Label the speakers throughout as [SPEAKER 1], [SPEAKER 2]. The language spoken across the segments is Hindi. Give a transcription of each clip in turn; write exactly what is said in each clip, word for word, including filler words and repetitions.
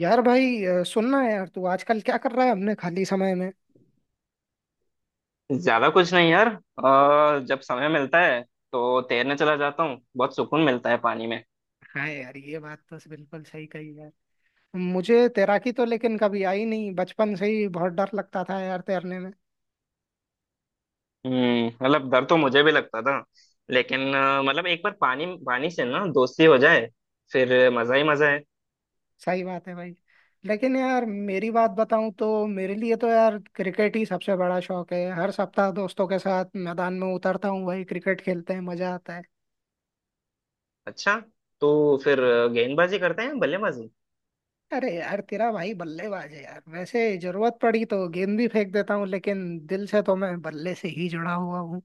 [SPEAKER 1] यार भाई अ, सुनना है यार, तू आजकल क्या कर रहा है अपने खाली समय में।
[SPEAKER 2] ज्यादा कुछ नहीं यार अ, जब समय मिलता है तो तैरने चला जाता हूँ। बहुत सुकून मिलता है पानी में।
[SPEAKER 1] हाँ यार, ये बात तो बिल्कुल सही कही यार। मुझे तैराकी तो लेकिन कभी आई नहीं, बचपन से ही बहुत डर लगता था यार तैरने में।
[SPEAKER 2] हम्म, मतलब डर तो मुझे भी लगता था। लेकिन अ, मतलब एक बार पानी पानी से ना दोस्ती हो जाए फिर मजा ही मजा है।
[SPEAKER 1] सही बात है भाई। लेकिन यार मेरी बात बताऊं तो मेरे लिए तो यार क्रिकेट ही सबसे बड़ा शौक है। हर सप्ताह दोस्तों के साथ मैदान में उतरता हूँ भाई, क्रिकेट खेलते हैं, मजा आता है।
[SPEAKER 2] अच्छा, तो फिर गेंदबाजी करते हैं बल्लेबाजी?
[SPEAKER 1] अरे यार, तेरा भाई बल्लेबाज है यार। वैसे जरूरत पड़ी तो गेंद भी फेंक देता हूँ, लेकिन दिल से तो मैं बल्ले से ही जुड़ा हुआ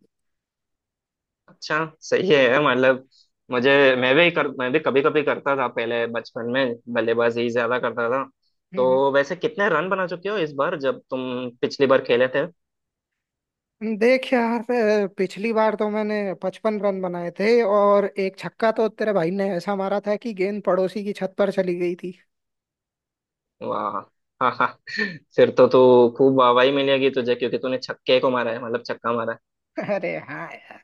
[SPEAKER 2] अच्छा सही है। मतलब मुझे मैं भी कर मैं भी कभी कभी करता था। पहले बचपन में बल्लेबाजी ज्यादा करता था।
[SPEAKER 1] हूँ।
[SPEAKER 2] तो वैसे कितने रन बना चुके हो इस बार जब तुम पिछली बार खेले थे?
[SPEAKER 1] देख यार, अ, पिछली बार तो मैंने पचपन रन बनाए थे, और एक छक्का तो तेरे भाई ने ऐसा मारा था कि गेंद पड़ोसी की छत पर चली गई थी।
[SPEAKER 2] वाह। हाँ हाँ, फिर तो तू खूब वाहवाही मिलेगी तुझे, क्योंकि तूने छक्के को मारा है, मतलब छक्का मारा है।
[SPEAKER 1] अरे हाँ यार।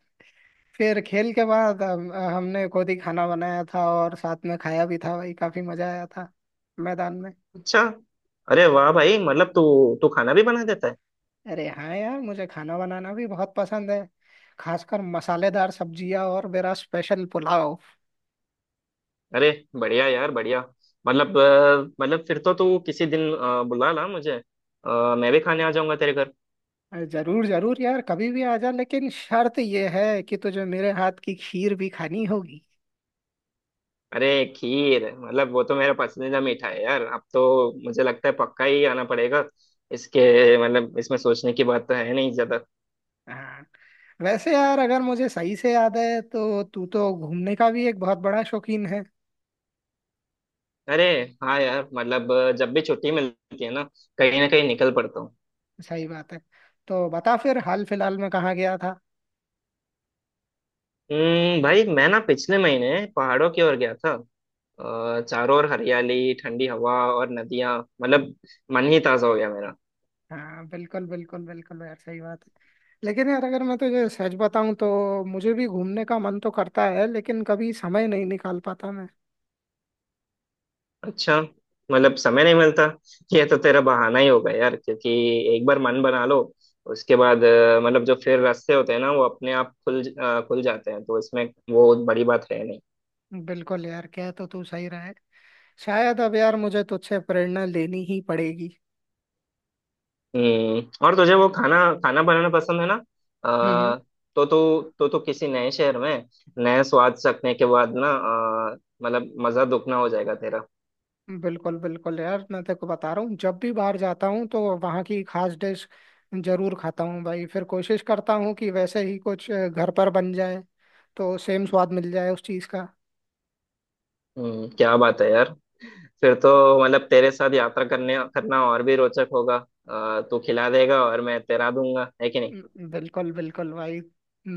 [SPEAKER 1] फिर खेल के बाद हम, हमने खुद ही खाना बनाया था और साथ में खाया भी था भाई। काफी मजा आया था मैदान में।
[SPEAKER 2] अच्छा। अरे वाह भाई, मतलब तू तू खाना भी बना देता है?
[SPEAKER 1] अरे हाँ यार, मुझे खाना बनाना भी बहुत पसंद है। खासकर मसालेदार सब्जियां और मेरा स्पेशल पुलाव।
[SPEAKER 2] अरे बढ़िया यार बढ़िया। मतलब अ, मतलब फिर तो तू किसी दिन अ, बुला ला मुझे। अ, मैं भी खाने आ जाऊंगा तेरे घर।
[SPEAKER 1] अरे जरूर जरूर यार, कभी भी आ जा, लेकिन शर्त ये है कि तुझे मेरे हाथ की खीर भी खानी होगी।
[SPEAKER 2] अरे खीर मतलब वो तो मेरा पसंदीदा मीठा है यार। अब तो मुझे लगता है पक्का ही आना पड़ेगा। इसके, मतलब इसमें सोचने की बात तो है नहीं ज्यादा।
[SPEAKER 1] हाँ। वैसे यार, अगर मुझे सही से याद है तो तू तो घूमने का भी एक बहुत बड़ा शौकीन है।
[SPEAKER 2] अरे हाँ यार, मतलब अ, जब भी छुट्टी मिलती है ना कहीं ना कहीं निकल पड़ता हूँ।
[SPEAKER 1] सही बात है। तो बता फिर हाल फिलहाल में कहाँ गया था?
[SPEAKER 2] हम्म, भाई मैं ना पिछले महीने पहाड़ों की ओर गया था। अ, चारों ओर हरियाली, ठंडी हवा और नदियाँ, मतलब मन ही ताजा हो गया मेरा।
[SPEAKER 1] हाँ बिल्कुल बिल्कुल बिल्कुल यार, सही बात है। लेकिन यार अगर मैं तुझे सच बताऊं तो मुझे भी घूमने का मन तो करता है, लेकिन कभी समय नहीं निकाल पाता मैं।
[SPEAKER 2] अच्छा, मतलब समय नहीं मिलता। ये तो तेरा बहाना ही होगा यार, क्योंकि एक बार मन बना लो, उसके बाद अ, मतलब जो फिर रास्ते होते हैं ना वो अपने आप खुल ज- अ, खुल जाते हैं। तो इसमें वो बड़ी बात है।
[SPEAKER 1] बिल्कुल यार, कह तो तू सही रहा है। शायद अब यार मुझे तुझसे प्रेरणा लेनी ही पड़ेगी।
[SPEAKER 2] हम्म, और तुझे वो खाना खाना बनाना पसंद है ना?
[SPEAKER 1] हम्म।
[SPEAKER 2] आ, तो तू तो तू किसी नए शहर में नए स्वाद चखने के बाद ना अ, मतलब मजा दुगना हो जाएगा तेरा।
[SPEAKER 1] बिल्कुल बिल्कुल यार, मैं तेरे को बता रहा हूँ, जब भी बाहर जाता हूँ तो वहाँ की खास डिश जरूर खाता हूँ भाई। फिर कोशिश करता हूँ कि वैसे ही कुछ अ, घर पर बन जाए, तो सेम स्वाद मिल जाए उस चीज़ का।
[SPEAKER 2] हम्म, क्या बात है यार। फिर तो मतलब तेरे साथ यात्रा करने करना और भी रोचक होगा। अ, तू खिला देगा और मैं तैरा दूंगा, है कि नहीं?
[SPEAKER 1] हम्म। बिल्कुल बिल्कुल भाई।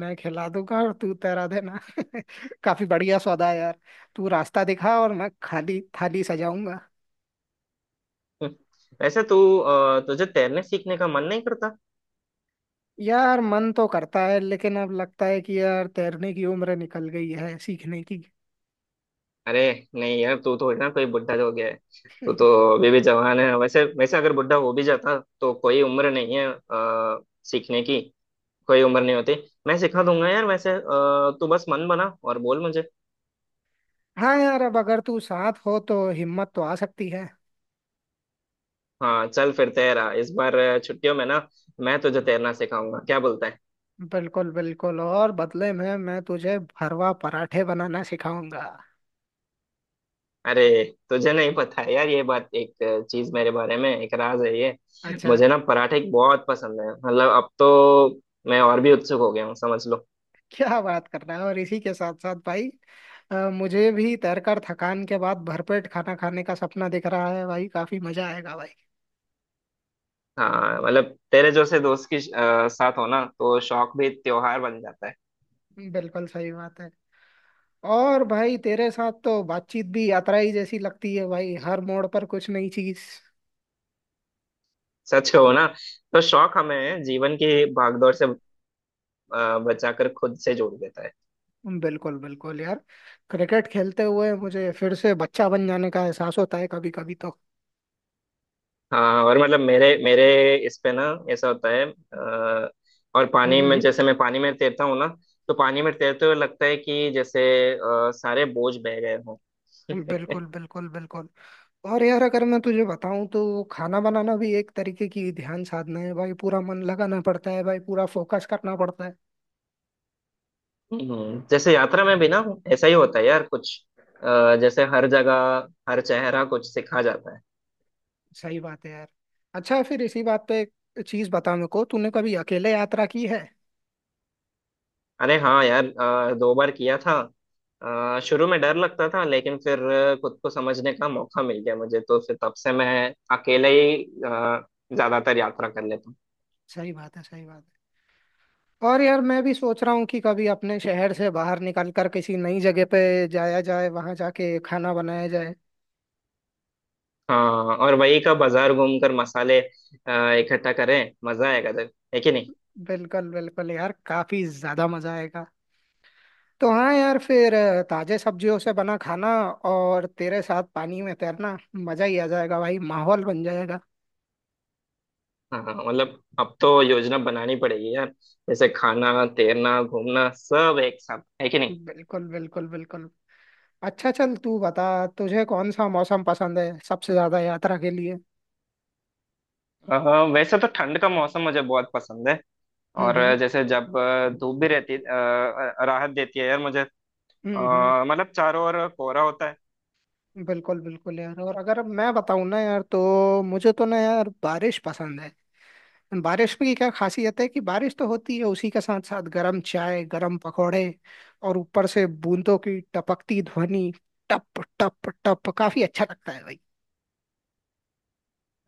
[SPEAKER 1] मैं खिला दूंगा और तू तैरा देना। काफी बढ़िया सौदा है यार। तू रास्ता दिखा और मैं खाली थाली सजाऊंगा।
[SPEAKER 2] वैसे तू अ, तुझे तैरने सीखने का मन नहीं करता?
[SPEAKER 1] यार मन तो करता है, लेकिन अब लगता है कि यार तैरने की उम्र निकल गई है सीखने की।
[SPEAKER 2] अरे नहीं यार, तू तो ना कोई बुढ़ा हो गया है। तू तो अभी भी जवान है। वैसे वैसे अगर बुढ़ा हो भी जाता तो कोई उम्र नहीं है आ, सीखने की। कोई उम्र नहीं होती। मैं सिखा
[SPEAKER 1] हम्म।
[SPEAKER 2] दूंगा यार। वैसे अ, तू बस मन बना और बोल मुझे।
[SPEAKER 1] हाँ यार, अब अगर तू साथ हो तो हिम्मत तो आ सकती है।
[SPEAKER 2] हाँ चल फिर, तैरा इस बार छुट्टियों में ना मैं तुझे तैरना सिखाऊंगा, क्या बोलता है?
[SPEAKER 1] बिल्कुल बिल्कुल, और बदले में मैं तुझे भरवा पराठे बनाना सिखाऊंगा।
[SPEAKER 2] अरे तुझे नहीं पता है यार ये बात। एक चीज मेरे बारे में एक राज है ये।
[SPEAKER 1] अच्छा।
[SPEAKER 2] मुझे ना पराठे बहुत पसंद है। मतलब अब तो मैं और भी उत्सुक हो गया हूँ, समझ लो।
[SPEAKER 1] क्या बात कर रहा है! और इसी के साथ साथ भाई, अ, मुझे भी तैरकर थकान के बाद भरपेट खाना खाने का सपना दिख रहा है भाई। काफी मजा आएगा भाई।
[SPEAKER 2] हाँ, मतलब तेरे जैसे दोस्त के अ, साथ हो ना तो शौक भी त्योहार बन जाता है।
[SPEAKER 1] बिल्कुल सही बात है। और भाई तेरे साथ तो बातचीत भी यात्रा ही जैसी लगती है भाई, हर मोड़ पर कुछ नई चीज।
[SPEAKER 2] सच हो ना, तो शौक हमें जीवन की भागदौड़ से अ, बचाकर खुद से जोड़ देता है।
[SPEAKER 1] बिल्कुल बिल्कुल यार। क्रिकेट खेलते हुए मुझे फिर से बच्चा बन जाने का एहसास होता है कभी कभी तो।
[SPEAKER 2] हाँ और मतलब मेरे मेरे इस पे ना ऐसा होता है। अ, और पानी में,
[SPEAKER 1] हम्म।
[SPEAKER 2] जैसे मैं पानी में तैरता हूँ ना, तो पानी में तैरते हुए लगता है कि जैसे अ, सारे बोझ बह गए हों।
[SPEAKER 1] बिल्कुल बिल्कुल बिल्कुल। और यार अगर मैं तुझे बताऊं तो खाना बनाना भी एक तरीके की ध्यान साधना है भाई। पूरा मन लगाना पड़ता है भाई, पूरा फोकस करना पड़ता है।
[SPEAKER 2] हम्म, जैसे यात्रा में भी ना ऐसा ही होता है यार। कुछ अ, जैसे हर जगह हर चेहरा कुछ सिखा जाता है।
[SPEAKER 1] सही बात है यार। अच्छा, फिर इसी बात पे एक चीज बता मेरे को, तूने कभी अकेले यात्रा की है?
[SPEAKER 2] अरे हाँ यार, अ, दो बार किया था। अ, शुरू में डर लगता था, लेकिन फिर अ, खुद को समझने का मौका मिल गया मुझे। तो फिर तब से मैं अकेले ही अ, ज्यादातर यात्रा कर लेता हूँ।
[SPEAKER 1] सही बात है, सही बात है। और यार मैं भी सोच रहा हूँ कि कभी अपने शहर से बाहर निकल कर किसी नई जगह पे जाया जाए, वहां जाके खाना बनाया जाए।
[SPEAKER 2] हाँ, और वही का बाजार घूमकर मसाले अ, इकट्ठा करें, मजा आएगा सर, है कि नहीं?
[SPEAKER 1] बिल्कुल बिल्कुल यार, काफी ज्यादा मजा आएगा। तो हाँ यार, फिर अ, ताजे सब्जियों से बना खाना और तेरे साथ पानी में तैरना, मजा ही आ जाएगा भाई, माहौल बन जाएगा।
[SPEAKER 2] हाँ, मतलब अब तो योजना बनानी पड़ेगी यार। जैसे खाना, तैरना, घूमना सब एक साथ, है कि नहीं?
[SPEAKER 1] बिल्कुल बिल्कुल बिल्कुल। अच्छा, चल तू बता, तुझे कौन सा मौसम पसंद है सबसे ज्यादा यात्रा के लिए?
[SPEAKER 2] अ, वैसे तो ठंड का मौसम मुझे बहुत पसंद है।
[SPEAKER 1] हम्म।
[SPEAKER 2] और
[SPEAKER 1] हम्म।
[SPEAKER 2] जैसे जब अ, धूप भी रहती अ, अ, राहत देती है यार मुझे।
[SPEAKER 1] हम्म। हम्म।
[SPEAKER 2] अ, मतलब चारों ओर कोहरा होता है।
[SPEAKER 1] बिल्कुल बिल्कुल यार, और अगर मैं बताऊँ ना यार, तो मुझे तो ना यार, बारिश पसंद है। बारिश में की क्या खासियत है कि बारिश तो होती है, उसी के साथ साथ गरम चाय, गरम पकौड़े, और ऊपर से बूंदों की टपकती ध्वनि। टप टप टप, काफी अच्छा लगता है भाई।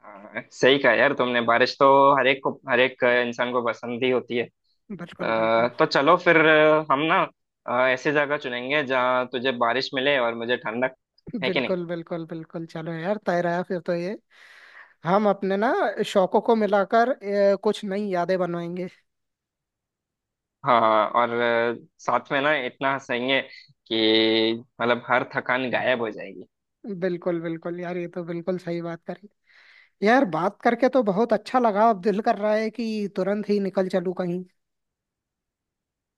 [SPEAKER 2] अ, सही कहा यार तुमने, बारिश तो हर एक को हर एक इंसान को पसंद ही होती है।
[SPEAKER 1] बिल्कुल
[SPEAKER 2] अ,
[SPEAKER 1] बिल्कुल।
[SPEAKER 2] तो चलो फिर हम ना अ, ऐसी जगह चुनेंगे जहाँ तुझे बारिश मिले और मुझे ठंडक, है कि नहीं?
[SPEAKER 1] बिल्कुल बिल्कुल बिल्कुल, चलो यार, तय रहा फिर तो ये। हम अपने ना शौकों को मिलाकर अ, कुछ नई यादें बनवाएंगे।
[SPEAKER 2] हाँ हाँ, और अ, साथ में ना इतना हंसेंगे कि मतलब हर थकान गायब हो जाएगी।
[SPEAKER 1] बिल्कुल बिल्कुल यार, ये तो बिल्कुल सही बात करी। यार बात करके तो बहुत अच्छा लगा, अब दिल कर रहा है कि तुरंत ही निकल चलूं कहीं।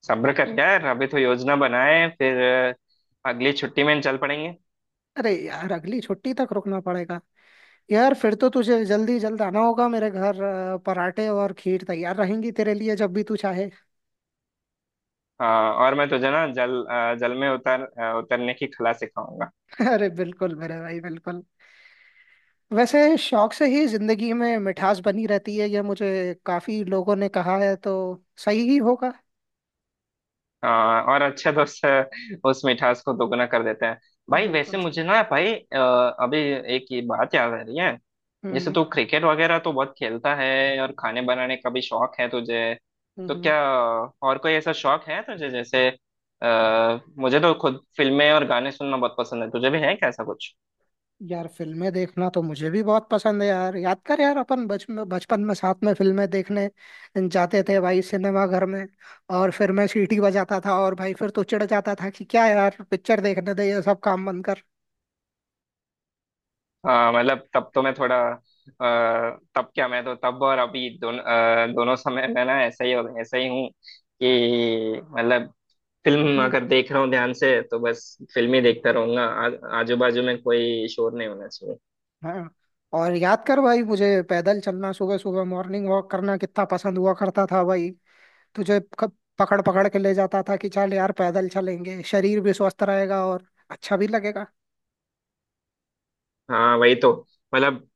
[SPEAKER 2] सब्र कर यार, अभी तो योजना बनाए फिर अ, अगली छुट्टी में चल पड़ेंगे।
[SPEAKER 1] अरे यार, अगली छुट्टी तक रुकना पड़ेगा। यार फिर तो तुझे जल्दी जल्द आना होगा मेरे घर, अ, पराठे और खीर तैयार रहेंगी तेरे लिए जब भी तू चाहे।
[SPEAKER 2] हाँ, और मैं तुझे ना जल अ, जल में उतर अ, उतरने की कला सिखाऊंगा।
[SPEAKER 1] अरे बिल्कुल मेरे भाई, बिल्कुल। वैसे शौक से ही जिंदगी में मिठास बनी रहती है, यह मुझे काफी लोगों ने कहा है, तो सही ही होगा।
[SPEAKER 2] हाँ, और अच्छे दोस्त अ, उस मिठास को दोगुना कर देते हैं भाई। वैसे
[SPEAKER 1] बिल्कुल सही।
[SPEAKER 2] मुझे ना भाई अ, अभी एक ये बात याद आ रही है। जैसे
[SPEAKER 1] हम्म।
[SPEAKER 2] तू क्रिकेट वगैरह तो बहुत खेलता है और खाने बनाने का भी शौक है तुझे,
[SPEAKER 1] हम्म।
[SPEAKER 2] तो
[SPEAKER 1] हम्म।
[SPEAKER 2] क्या और कोई ऐसा शौक है तुझे? जैसे आ, मुझे तो खुद फिल्में और गाने सुनना बहुत पसंद है, तुझे भी है क्या ऐसा कुछ?
[SPEAKER 1] यार फिल्में देखना तो मुझे भी बहुत पसंद है यार। याद कर यार, अपन बचपन बचपन में साथ में फिल्में देखने जाते थे भाई, सिनेमा घर में। और फिर मैं सीटी बजाता था, और भाई फिर तू चिढ़ जाता था कि क्या यार, पिक्चर देखने दे, ये सब काम बंद कर।
[SPEAKER 2] हाँ, मतलब तब तो मैं थोड़ा अ, तब क्या, मैं तो तब और अभी दोनों दोनों समय में ना ऐसा ही हो ऐसा ही हूँ कि मतलब फिल्म
[SPEAKER 1] हम्म।
[SPEAKER 2] अगर देख रहा हूँ ध्यान से, तो बस फिल्म ही देखता रहूंगा। आ, आजू बाजू में कोई शोर नहीं होना चाहिए।
[SPEAKER 1] हाँ, और याद कर भाई, मुझे पैदल चलना, सुबह सुबह मॉर्निंग वॉक करना कितना पसंद हुआ करता था भाई। तुझे क- पकड़ पकड़ के ले जाता था कि चल यार पैदल चलेंगे, शरीर भी स्वस्थ रहेगा और अच्छा भी लगेगा।
[SPEAKER 2] हाँ वही तो, मतलब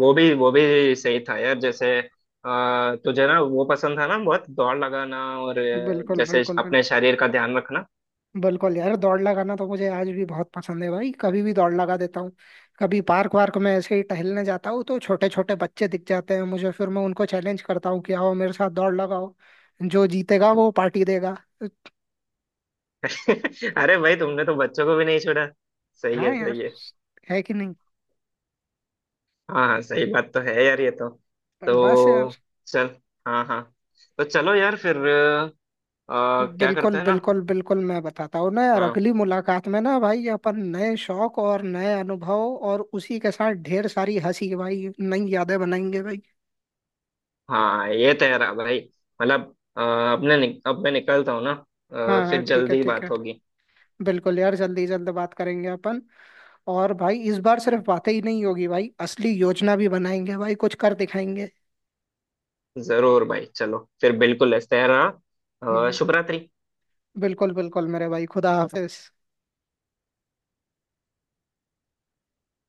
[SPEAKER 2] वो भी वो भी सही था यार। जैसे आ, तुझे ना वो पसंद था ना बहुत दौड़ लगाना और अ,
[SPEAKER 1] बिल्कुल
[SPEAKER 2] जैसे
[SPEAKER 1] बिल्कुल बिल्कुल।
[SPEAKER 2] अपने शरीर का ध्यान रखना।
[SPEAKER 1] बिल्कुल यार, दौड़ लगाना तो मुझे आज भी बहुत पसंद है भाई, कभी भी दौड़ लगा देता हूँ। कभी पार्क वार्क में ऐसे ही टहलने जाता हूँ तो छोटे छोटे बच्चे दिख जाते हैं मुझे, फिर मैं उनको चैलेंज करता हूँ कि आओ मेरे साथ दौड़ लगाओ, जो जीतेगा वो पार्टी देगा। तो
[SPEAKER 2] अरे भाई, तुमने तो बच्चों को भी नहीं छोड़ा। सही
[SPEAKER 1] हाँ
[SPEAKER 2] है
[SPEAKER 1] यार,
[SPEAKER 2] सही है।
[SPEAKER 1] है कि नहीं?
[SPEAKER 2] हाँ हाँ, सही बात तो है यार ये तो।
[SPEAKER 1] बस यार।
[SPEAKER 2] तो चल। हाँ हाँ, तो चलो यार फिर अ, क्या
[SPEAKER 1] बिल्कुल
[SPEAKER 2] करते हैं ना।
[SPEAKER 1] बिल्कुल बिल्कुल, मैं बताता हूँ ना यार,
[SPEAKER 2] हाँ
[SPEAKER 1] अगली मुलाकात में ना भाई, अपन नए शौक और नए अनुभव और उसी के साथ ढेर सारी हंसी भाई, नई यादें बनाएंगे भाई।
[SPEAKER 2] हाँ, ये तो यार भाई, मतलब अ, अब मैं नि, अब मैं निकलता हूँ ना।
[SPEAKER 1] हाँ
[SPEAKER 2] अ,
[SPEAKER 1] हाँ,
[SPEAKER 2] फिर
[SPEAKER 1] ठीक है
[SPEAKER 2] जल्दी
[SPEAKER 1] ठीक है।
[SPEAKER 2] बात होगी।
[SPEAKER 1] बिल्कुल यार, जल्दी जल्द बात करेंगे अपन। और भाई इस बार सिर्फ बातें ही नहीं होगी भाई, असली योजना भी बनाएंगे भाई, कुछ कर दिखाएंगे।
[SPEAKER 2] जरूर भाई, चलो फिर, बिल्कुल इस तरह। अ,
[SPEAKER 1] हम्म।
[SPEAKER 2] शुभ रात्रि।
[SPEAKER 1] बिल्कुल बिल्कुल मेरे भाई, खुदा हाफिज।